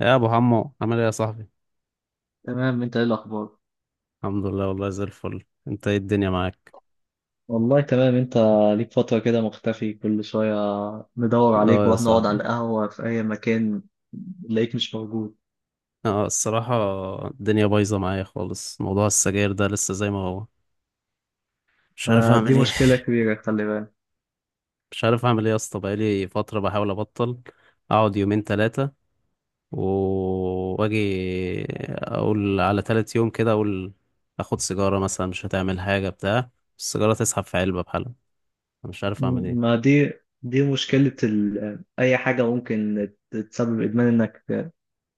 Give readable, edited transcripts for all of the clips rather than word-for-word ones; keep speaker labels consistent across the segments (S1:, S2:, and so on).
S1: يا ابو حمو عامل ايه يا صاحبي؟
S2: تمام. انت ايه الاخبار؟
S1: الحمد لله والله زي الفل، انت ايه الدنيا معاك؟
S2: والله تمام. انت ليك فترة كده مختفي، كل شوية ندور
S1: اه
S2: عليك
S1: يا
S2: واحنا نقعد على
S1: صاحبي.
S2: القهوة في اي مكان نلاقيك مش موجود.
S1: اه الصراحه الدنيا بايظه معايا خالص، موضوع السجاير ده لسه زي ما هو، مش عارف
S2: فدي
S1: اعمل ايه.
S2: مشكلة كبيرة، خلي بالك.
S1: مش عارف اعمل ايه يا اسطى، بقالي فتره بحاول ابطل، اقعد يومين ثلاثه واجي اقول على ثالث يوم كده، اقول اخد سيجاره مثلا مش هتعمل حاجه بتاع السيجاره تسحب في علبه بحالها. أنا مش عارف اعمل
S2: م- ما
S1: ايه.
S2: دي دي مشكلة اي حاجة ممكن تسبب ادمان، انك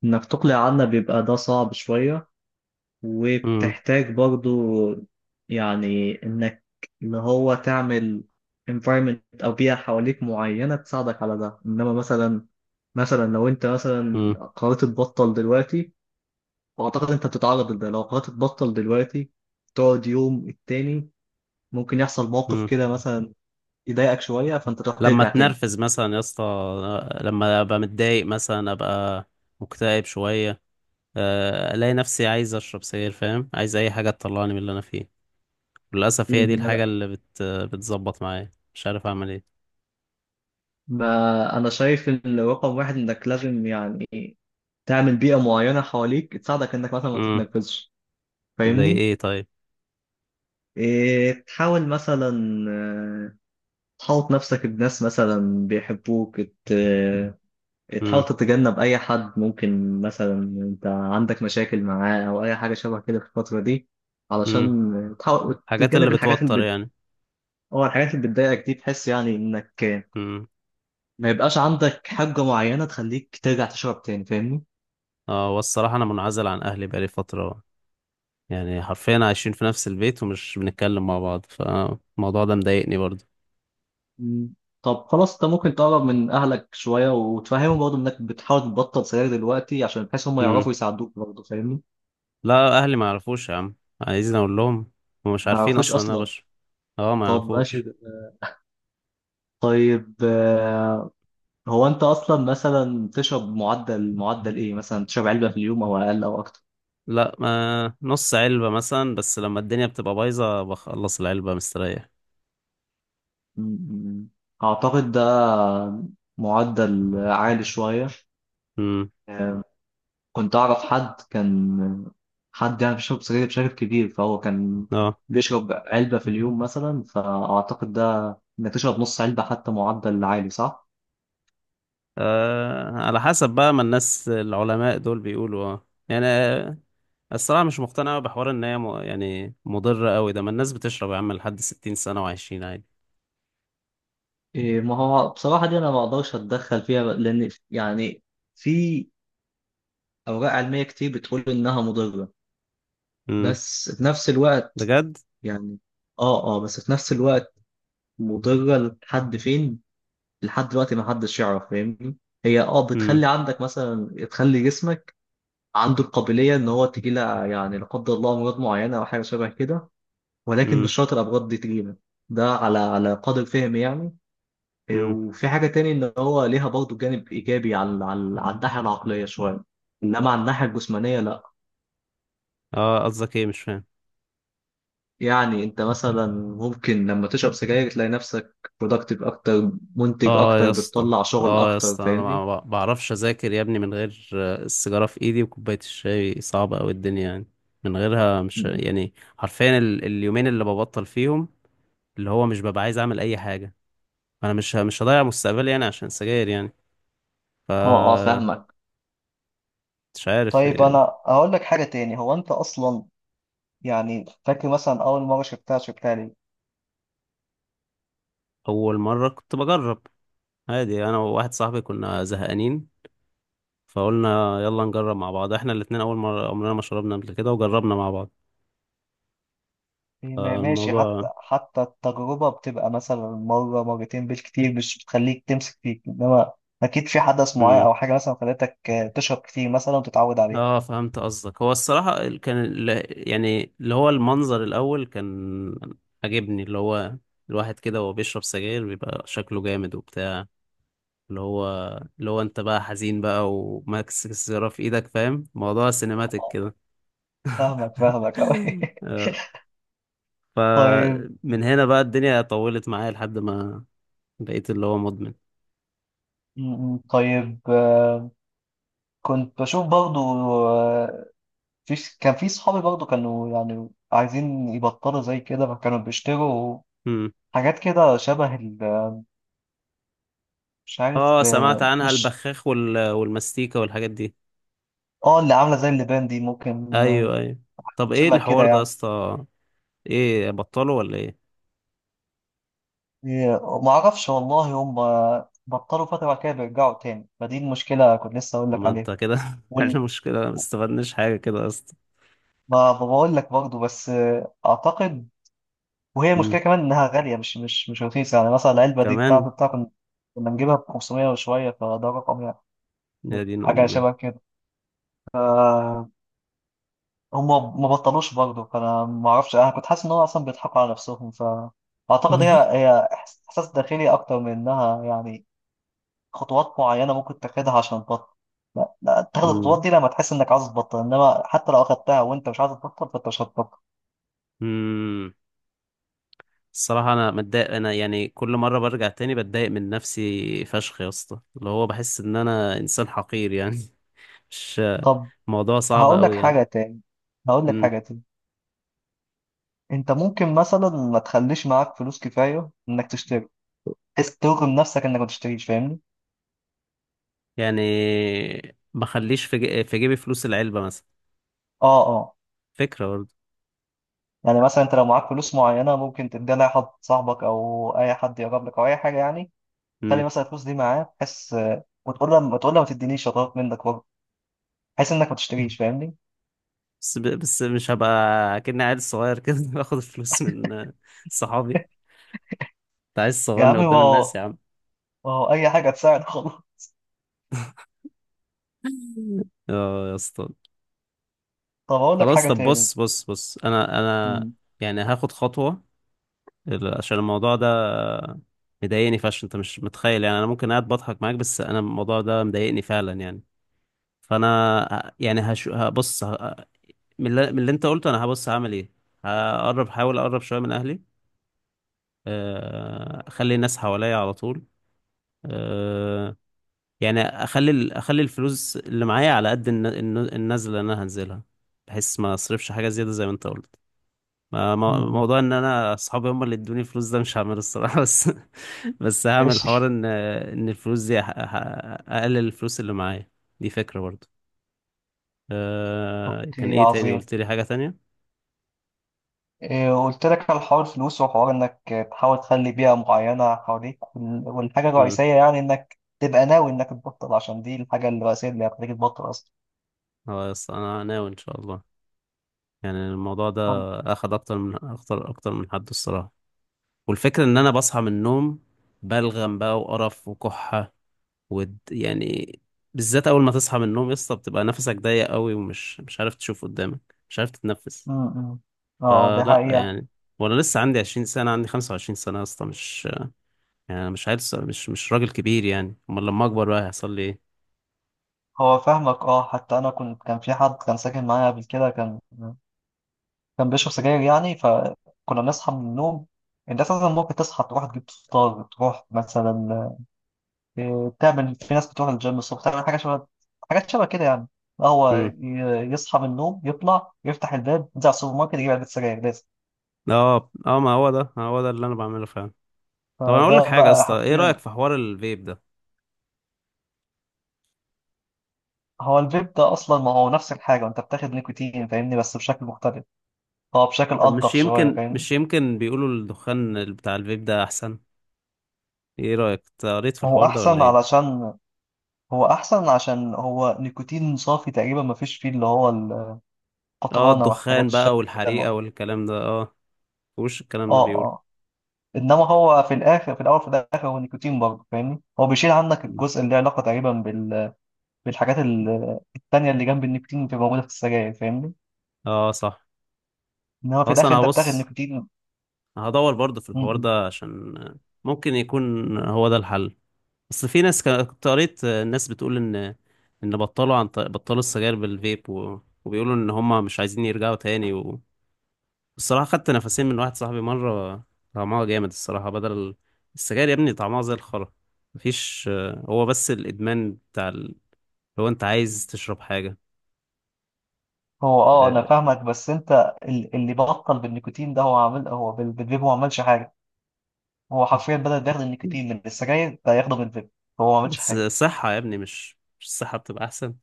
S2: انك تقلع عنا بيبقى ده صعب شوية، وبتحتاج برضو يعني انك اللي هو تعمل environment او بيئة حواليك معينة تساعدك على ده. انما مثلا، لو انت مثلا قررت تبطل دلوقتي، واعتقد انت بتتعرض لده، لو قررت تبطل دلوقتي تقعد يوم التاني ممكن يحصل موقف
S1: امم.
S2: كده مثلا يضايقك شوية فانت تروح
S1: لما
S2: ترجع تاني.
S1: اتنرفز مثلا يا اسطى، لما ابقى متضايق مثلا، ابقى مكتئب شويه، الاقي نفسي عايز اشرب سجاير، فاهم؟ عايز اي حاجه تطلعني من اللي انا فيه، للاسف
S2: مم.
S1: هي دي
S2: ما
S1: الحاجه
S2: لا،
S1: اللي بتظبط معايا، مش عارف اعمل ايه.
S2: ما انا شايف ان رقم واحد انك لازم يعني تعمل بيئة معينة حواليك تساعدك انك مثلا ما
S1: امم.
S2: تتنرفزش.
S1: زي
S2: فاهمني؟
S1: ايه طيب؟
S2: إيه، تحاول مثلا، آه، تحوط نفسك بناس مثلا بيحبوك، تحاول
S1: امم.
S2: تتجنب أي حد ممكن مثلا أنت عندك مشاكل معاه أو أي حاجة شبه كده في الفترة دي،
S1: امم.
S2: علشان تحاول
S1: حاجات اللي
S2: تتجنب الحاجات
S1: بتوتر يعني.
S2: أو الحاجات اللي بتضايقك دي، تحس يعني إنك،
S1: امم.
S2: ما يبقاش عندك حاجة معينة تخليك ترجع تشرب تاني. فاهمني؟
S1: اه والصراحه انا منعزل عن اهلي بقالي فتره، يعني حرفيا عايشين في نفس البيت ومش بنتكلم مع بعض، فالموضوع ده مضايقني برضه.
S2: مم. طب خلاص، أنت ممكن تقرب من أهلك شوية وتفهمهم برضه إنك بتحاول تبطل سجاير دلوقتي، عشان بحيث هم يعرفوا يساعدوك برضه. فاهمني؟
S1: لا اهلي ما يعرفوش يا عم، عايزين اقول لهم؟ هم مش
S2: ما
S1: عارفين
S2: اعرفوش
S1: اصلا ان انا
S2: اصلا؟
S1: بشرب. اه ما
S2: طب ماشي
S1: يعرفوش.
S2: ده. طيب، هو انت اصلا مثلا تشرب معدل، ايه مثلا؟ تشرب علبة في اليوم او اقل او اكتر؟
S1: لا، ما نص علبة مثلا، بس لما الدنيا بتبقى بايظة بخلص العلبة مستريح.
S2: م- م- اعتقد ده معدل عالي شوية.
S1: امم.
S2: آه، كنت اعرف حد حد يعني بيشرب سجاير بشكل كبير، فهو كان
S1: اه.
S2: بيشرب علبة في اليوم مثلا. فاعتقد ده، انك تشرب نص علبة، حتى معدل عالي. صح؟
S1: آه، على حسب بقى، ما الناس العلماء دول بيقولوا اه يعني، آه، الصراحة مش مقتنع أوي بحوار ان هي يعني مضرة قوي ده، ما الناس بتشرب يا عم لحد 60 سنة وعايشين عادي.
S2: إيه، ما هو بصراحة دي أنا ما أقدرش أتدخل فيها، لأن يعني في أوراق علمية كتير بتقول إنها مضرة،
S1: امم.
S2: بس في نفس الوقت
S1: بجد.
S2: يعني، بس في نفس الوقت مضرة لحد فين؟ لحد دلوقتي ما حدش يعرف. فاهمني؟ هي آه
S1: امم.
S2: بتخلي عندك مثلا، تخلي جسمك عنده القابلية إن هو تجيله يعني لا قدر الله أمراض معينة أو حاجة شبه كده، ولكن مش
S1: امم.
S2: شرط الأمراض دي تجيله. ده على قدر فهمي يعني.
S1: امم.
S2: وفي حاجة تاني، إن هو ليها برضه جانب إيجابي على على الناحية العقلية شوية، إنما على الناحية الجسمانية لأ.
S1: اه قصدك ايه؟ مش فاهم.
S2: يعني انت مثلا ممكن لما تشرب سجاير تلاقي نفسك productive اكتر، منتج
S1: اه يا
S2: اكتر،
S1: اسطى.
S2: بتطلع شغل
S1: اه يا
S2: اكتر.
S1: اسطى انا ما
S2: فاهمني؟
S1: ما بعرفش اذاكر يا ابني من غير السيجاره في ايدي وكوبايه الشاي، صعبه قوي الدنيا يعني من غيرها، مش يعني حرفيا اليومين اللي ببطل فيهم، اللي هو مش ببقى عايز اعمل اي حاجه. انا مش هضيع مستقبلي يعني عشان سجاير يعني، ف...
S2: اه فاهمك.
S1: مش عارف.
S2: طيب
S1: آه،
S2: انا هقول لك حاجه تاني. هو انت اصلا يعني فاكر مثلا اول مره شربتها، شربتها ليه؟
S1: اول مره كنت بجرب عادي، انا وواحد صاحبي كنا زهقانين فقلنا يلا نجرب مع بعض، احنا الاتنين اول مره عمرنا ما شربنا قبل كده، وجربنا مع بعض
S2: إيه، ماشي. حتى
S1: فالموضوع.
S2: حتى التجربه بتبقى مثلا مره مرتين بالكتير، مش بتخليك تمسك فيك. انما اكيد في حدث معين او حاجه مثلا خلتك، تشرب كتير مثلا وتتعود عليه.
S1: اه فهمت قصدك. هو الصراحة يعني اللي هو المنظر الأول كان عجبني، اللي هو الواحد كده وهو بيشرب سجاير بيبقى شكله جامد وبتاع، اللي هو اللي هو انت بقى حزين بقى وماكس السيجارة في ايدك، فاهم؟ موضوع سينماتيك
S2: آه،
S1: كده.
S2: فاهمك، فاهمك أوي.
S1: آه،
S2: طيب
S1: فمن هنا بقى الدنيا طولت معايا لحد ما بقيت اللي هو مدمن.
S2: طيب كنت بشوف برضو، آه، في كان في صحابي برضو كانوا يعني عايزين يبطلوا زي كده، فكانوا بيشتروا
S1: مم.
S2: حاجات كده شبه مش عارف،
S1: اه سمعت
S2: آه،
S1: عنها،
S2: مش
S1: البخاخ وال... والمستيكة والحاجات دي.
S2: اه، اللي عاملة زي اللبان دي، ممكن،
S1: ايوه ايوه. طب ايه
S2: شبه كده
S1: الحوار ده يا
S2: يعني.
S1: اسطى؟ ايه بطلوا ولا ايه؟
S2: معرفش والله. هم بطلوا فترة، بعد كده بيرجعوا تاني. فدي المشكلة كنت لسه أقول
S1: طب
S2: لك
S1: ما
S2: عليها.
S1: انت كده
S2: وال...
S1: عشان مشكلة، ما استفدناش حاجة كده يا اسطى.
S2: ما بقول لك برضو، بس آه، أعتقد وهي
S1: أمم،
S2: المشكله كمان انها غاليه، مش مش رخيصه، يعني مثلا العلبه دي بتاعت
S1: كمان.
S2: بتاع كنا كنا نجيبها ب 500 وشويه، فده رقم يعني،
S1: يا دين
S2: حاجه
S1: امي.
S2: شبه كده. آه، هم ما بطلوش برضه، فانا ما اعرفش. انا كنت حاسس ان هو اصلا بيضحكوا على نفسهم. فاعتقد هي هي احساس داخلي اكتر من انها يعني خطوات معينه ممكن تاخدها عشان تبطل. لا، تاخد
S1: أمم.
S2: الخطوات دي لما تحس انك عايز تبطل، انما حتى لو اخدتها وانت مش عايز تبطل، فانت مش هتبطل.
S1: أمم. الصراحة انا متضايق، انا يعني كل مرة برجع تاني بتضايق من نفسي فشخ يا اسطى، اللي هو بحس ان انا انسان حقير يعني. مش...
S2: طب
S1: موضوع صعب
S2: هقول لك
S1: قوي يعني.
S2: حاجه تاني. هقول لك
S1: أمم.
S2: حاجه تاني. انت ممكن مثلا ما تخليش معاك فلوس كفايه انك تشتري، بحيث ترغم نفسك انك ما تشتريش. فاهمني؟
S1: يعني ما اخليش في في جيبي فلوس العلبة مثلا؟
S2: اه اه
S1: فكرة برضه.
S2: يعني مثلا انت لو معاك فلوس معينه، ممكن تديها لاي حد، صاحبك او اي حد يقرب لك او اي حاجه يعني، خلي
S1: أمم.
S2: مثلا الفلوس دي معاه، بحيث، وتقول له، ما تدينيش شطات منك برضه، بحيث انك ما تشتريش. فاهمني؟
S1: بس بس مش هبقى كأني عيل صغير كده باخد الفلوس من صحابي؟ انت عايز
S2: يا
S1: تصغرني
S2: عمي ما
S1: قدام الناس
S2: هو
S1: يا عم.
S2: ما هو اي حاجه تساعد خلاص.
S1: اه يا اسطى.
S2: طب اقول لك
S1: خلاص
S2: حاجه
S1: طب
S2: تاني.
S1: بص بص بص، انا انا
S2: مم.
S1: يعني هاخد خطوة، عشان الموضوع ده مضايقني فشخ، انت مش متخيل يعني، انا ممكن قاعد بضحك معاك بس انا الموضوع ده مضايقني فعلا يعني. فانا يعني هبص ه... من اللي... من اللي انت قلته انا هبص هعمل ايه. هقرب، حاول اقرب شوية من اهلي، آه، اخلي الناس حواليا على طول، آه، يعني اخلي اخلي الفلوس اللي معايا على قد النزله اللي انا هنزلها، بحيث ما اصرفش حاجه زياده زي ما انت قلت.
S2: مم.
S1: موضوع ان انا اصحابي هم اللي ادوني الفلوس ده مش هعمله الصراحه، بس بس هعمل حوار
S2: ماشي،
S1: ان الفلوس دي اقلل الفلوس اللي معايا، دي فكره برضو. أه كان
S2: اوكي،
S1: ايه تاني؟
S2: عظيم.
S1: قلت لي حاجه تانية.
S2: إيه، قلت لك على حوار الفلوس، وحوار انك تحاول تخلي بيئة معينة حواليك، والحاجة
S1: امم.
S2: الرئيسية يعني انك تبقى ناوي انك تبطل، عشان دي الحاجة الرئيسية اللي هتخليك تبطل اصلا.
S1: خلاص انا ناوي ان شاء الله، يعني الموضوع ده
S2: أم-
S1: اخد اكتر من حد الصراحه. والفكره ان انا بصحى من النوم بلغم بقى وقرف وكحه، ود يعني، بالذات اول ما تصحى من النوم يا اسطى بتبقى نفسك ضيق قوي، ومش مش عارف تشوف قدامك، مش عارف تتنفس.
S2: أم. اه، دي
S1: فلا
S2: حقيقة.
S1: يعني، وانا لسه عندي 20 سنه، عندي 25 سنه يا اسطى، مش يعني، أنا مش عارف، مش راجل كبير يعني، امال لما اكبر بقى هيحصل لي ايه؟
S2: هو فاهمك. اه، حتى انا كنت، كان في حد كان ساكن معايا قبل كده، كان بيشرب سجاير يعني، فكنا بنصحى من النوم. انت اساسا ممكن تصحى تروح تجيب فطار، تروح مثلا، إيه، تعمل، في ناس بتروح الجيم الصبح، تعمل حاجة حاجات شبه كده يعني. لا، هو
S1: امم.
S2: يصحى من النوم يطلع يفتح الباب ينزل على السوبر ماركت يجيب علبة سجاير لازم.
S1: اه ما هو ده، هو ده اللي انا بعمله فعلا. طب انا اقول لك
S2: فده
S1: حاجه يا
S2: بقى
S1: اسطى، ايه
S2: حرفيا.
S1: رايك في حوار الفيب ده؟
S2: هو الفيب ده أصلا ما هو نفس الحاجة، وأنت بتاخد نيكوتين، فاهمني، بس بشكل مختلف. هو بشكل
S1: طب
S2: ألطف شوية، فاهمني.
S1: مش يمكن بيقولوا الدخان بتاع الفيب ده احسن؟ ايه رايك أنت قريت في
S2: هو
S1: الحوار ده ولا
S2: أحسن
S1: ايه؟
S2: علشان هو أحسن عشان هو نيكوتين صافي تقريبا، ما فيش فيه اللي هو
S1: اه
S2: القطرانة والحاجات
S1: الدخان بقى
S2: الشبه كده.
S1: والحريقه والكلام ده، اه وش الكلام ده
S2: اه
S1: بيقول.
S2: اه انما هو في الاخر، في الاخر هو نيكوتين برضه، فاهمني. هو بيشيل عنك الجزء اللي له علاقه تقريبا بالحاجات التانيه اللي جنب النيكوتين بتبقى موجوده في السجاير، فاهمني.
S1: اه صح.
S2: انما في
S1: خلاص
S2: الاخر
S1: انا
S2: انت بتاخد
S1: هبص،
S2: نيكوتين.
S1: هدور برضه في
S2: م-
S1: الحوار
S2: م.
S1: ده، عشان ممكن يكون هو ده الحل، اصل في ناس كنت قريت الناس بتقول ان بطلوا بطلوا السجاير بالفيب و... وبيقولوا ان هم مش عايزين يرجعوا تاني و... الصراحة خدت نفسين من واحد صاحبي مرة، طعمها جامد الصراحة، بدل السجاير يا ابني طعمها زي الخرا، مفيش، هو بس الادمان بتاع ال... لو انت عايز تشرب حاجة.
S2: هو اه، انا فاهمك، بس انت اللي بطل بالنيكوتين ده، هو عامل، هو بالفيب، هو ما عملش حاجه. هو حرفيا بدل ما ياخد النيكوتين من السجاير ده، ياخده من الفيب. هو ما عملش
S1: بس
S2: حاجه.
S1: صحة يا ابني، مش الصحة بتبقى أحسن؟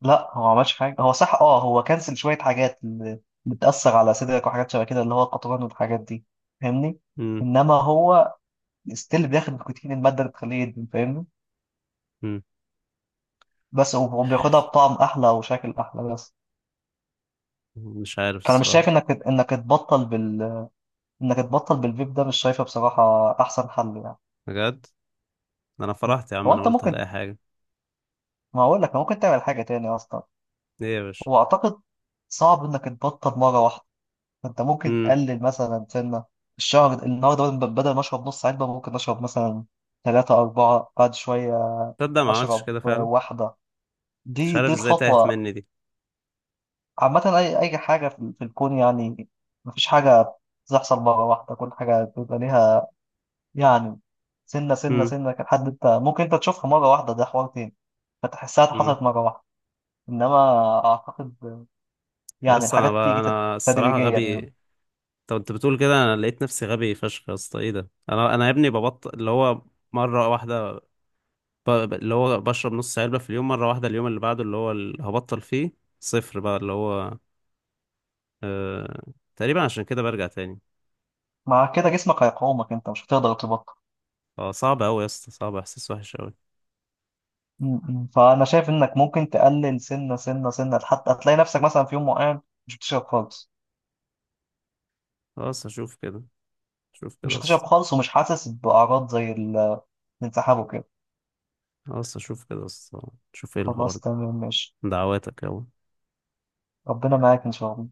S2: لا، هو ما عملش حاجه. هو صح، اه، هو كنسل شويه حاجات اللي بتاثر على صدرك وحاجات شبه كده، اللي هو القطران والحاجات دي، فاهمني.
S1: مم.
S2: انما هو ستيل بياخد نيكوتين، الماده اللي بتخليه يدمن، فاهمني.
S1: مم.
S2: بس هو بياخدها بطعم احلى وشكل احلى بس.
S1: مش عارف
S2: فانا مش شايف
S1: الصراحة.
S2: انك تبطل بالفيب ده. مش شايفه بصراحه احسن حل يعني.
S1: بجد؟ ده أنا فرحت يا عم،
S2: هو
S1: أنا
S2: انت
S1: قلت
S2: ممكن،
S1: هلاقي حاجة.
S2: ما هقول لك ممكن تعمل حاجه تاني اصلا.
S1: إيه يا باشا؟
S2: هو اعتقد صعب انك تبطل مره واحده. انت ممكن
S1: مم.
S2: تقلل مثلا سنه، الشهر النهارده بدل ما اشرب نص علبه، ممكن اشرب مثلا ثلاثة أربعة، بعد شوية
S1: تصدق ما عملتش
S2: أشرب
S1: كده فعلا.
S2: واحدة.
S1: مش
S2: دي
S1: عارف
S2: دي
S1: إزاي تاهت
S2: الخطوة.
S1: مني دي.
S2: عامة أي حاجة في الكون يعني، مفيش حاجة بتحصل مرة واحدة، كل حاجة بيبقى ليها يعني سنة، سنة
S1: مم.
S2: سنة لحد أنت ممكن أنت تشوفها مرة واحدة، ده حوار تاني، فتحسها
S1: مم.
S2: حصلت مرة واحدة. إنما أعتقد
S1: يا
S2: يعني
S1: اسطى أنا
S2: الحاجات
S1: بقى
S2: بتيجي
S1: أنا الصراحة
S2: تدريجيا
S1: غبي.
S2: يعني.
S1: طب أنت كنت بتقول كده، أنا لقيت نفسي غبي فشخ يا اسطى، إيه ده، أنا يا ابني ببطل اللي هو مرة واحدة، اللي هو بشرب نص علبة في اليوم، مرة واحدة اليوم اللي بعده اللي هو اللي هبطل فيه صفر بقى، اللي هو آه... تقريبا عشان كده برجع تاني.
S2: مع كده جسمك هيقاومك، أنت مش هتقدر تبطل.
S1: اه صعب أوي يا اسطى، صعب، احساس وحش أوي.
S2: م- م. فأنا شايف إنك ممكن تقلل سنة، سنة، حتى هتلاقي نفسك مثلا في يوم معين مش بتشرب خالص.
S1: خلاص اشوف كده، اشوف كده
S2: مش
S1: يا
S2: هتشرب
S1: اسطى.
S2: خالص، ومش حاسس بأعراض زي الانسحاب وكده.
S1: خلاص اشوف كده يا اسطى، شوف ايه الحوار
S2: خلاص،
S1: ده.
S2: تمام، ماشي.
S1: دعواتك يلا.
S2: ربنا معاك إن شاء الله.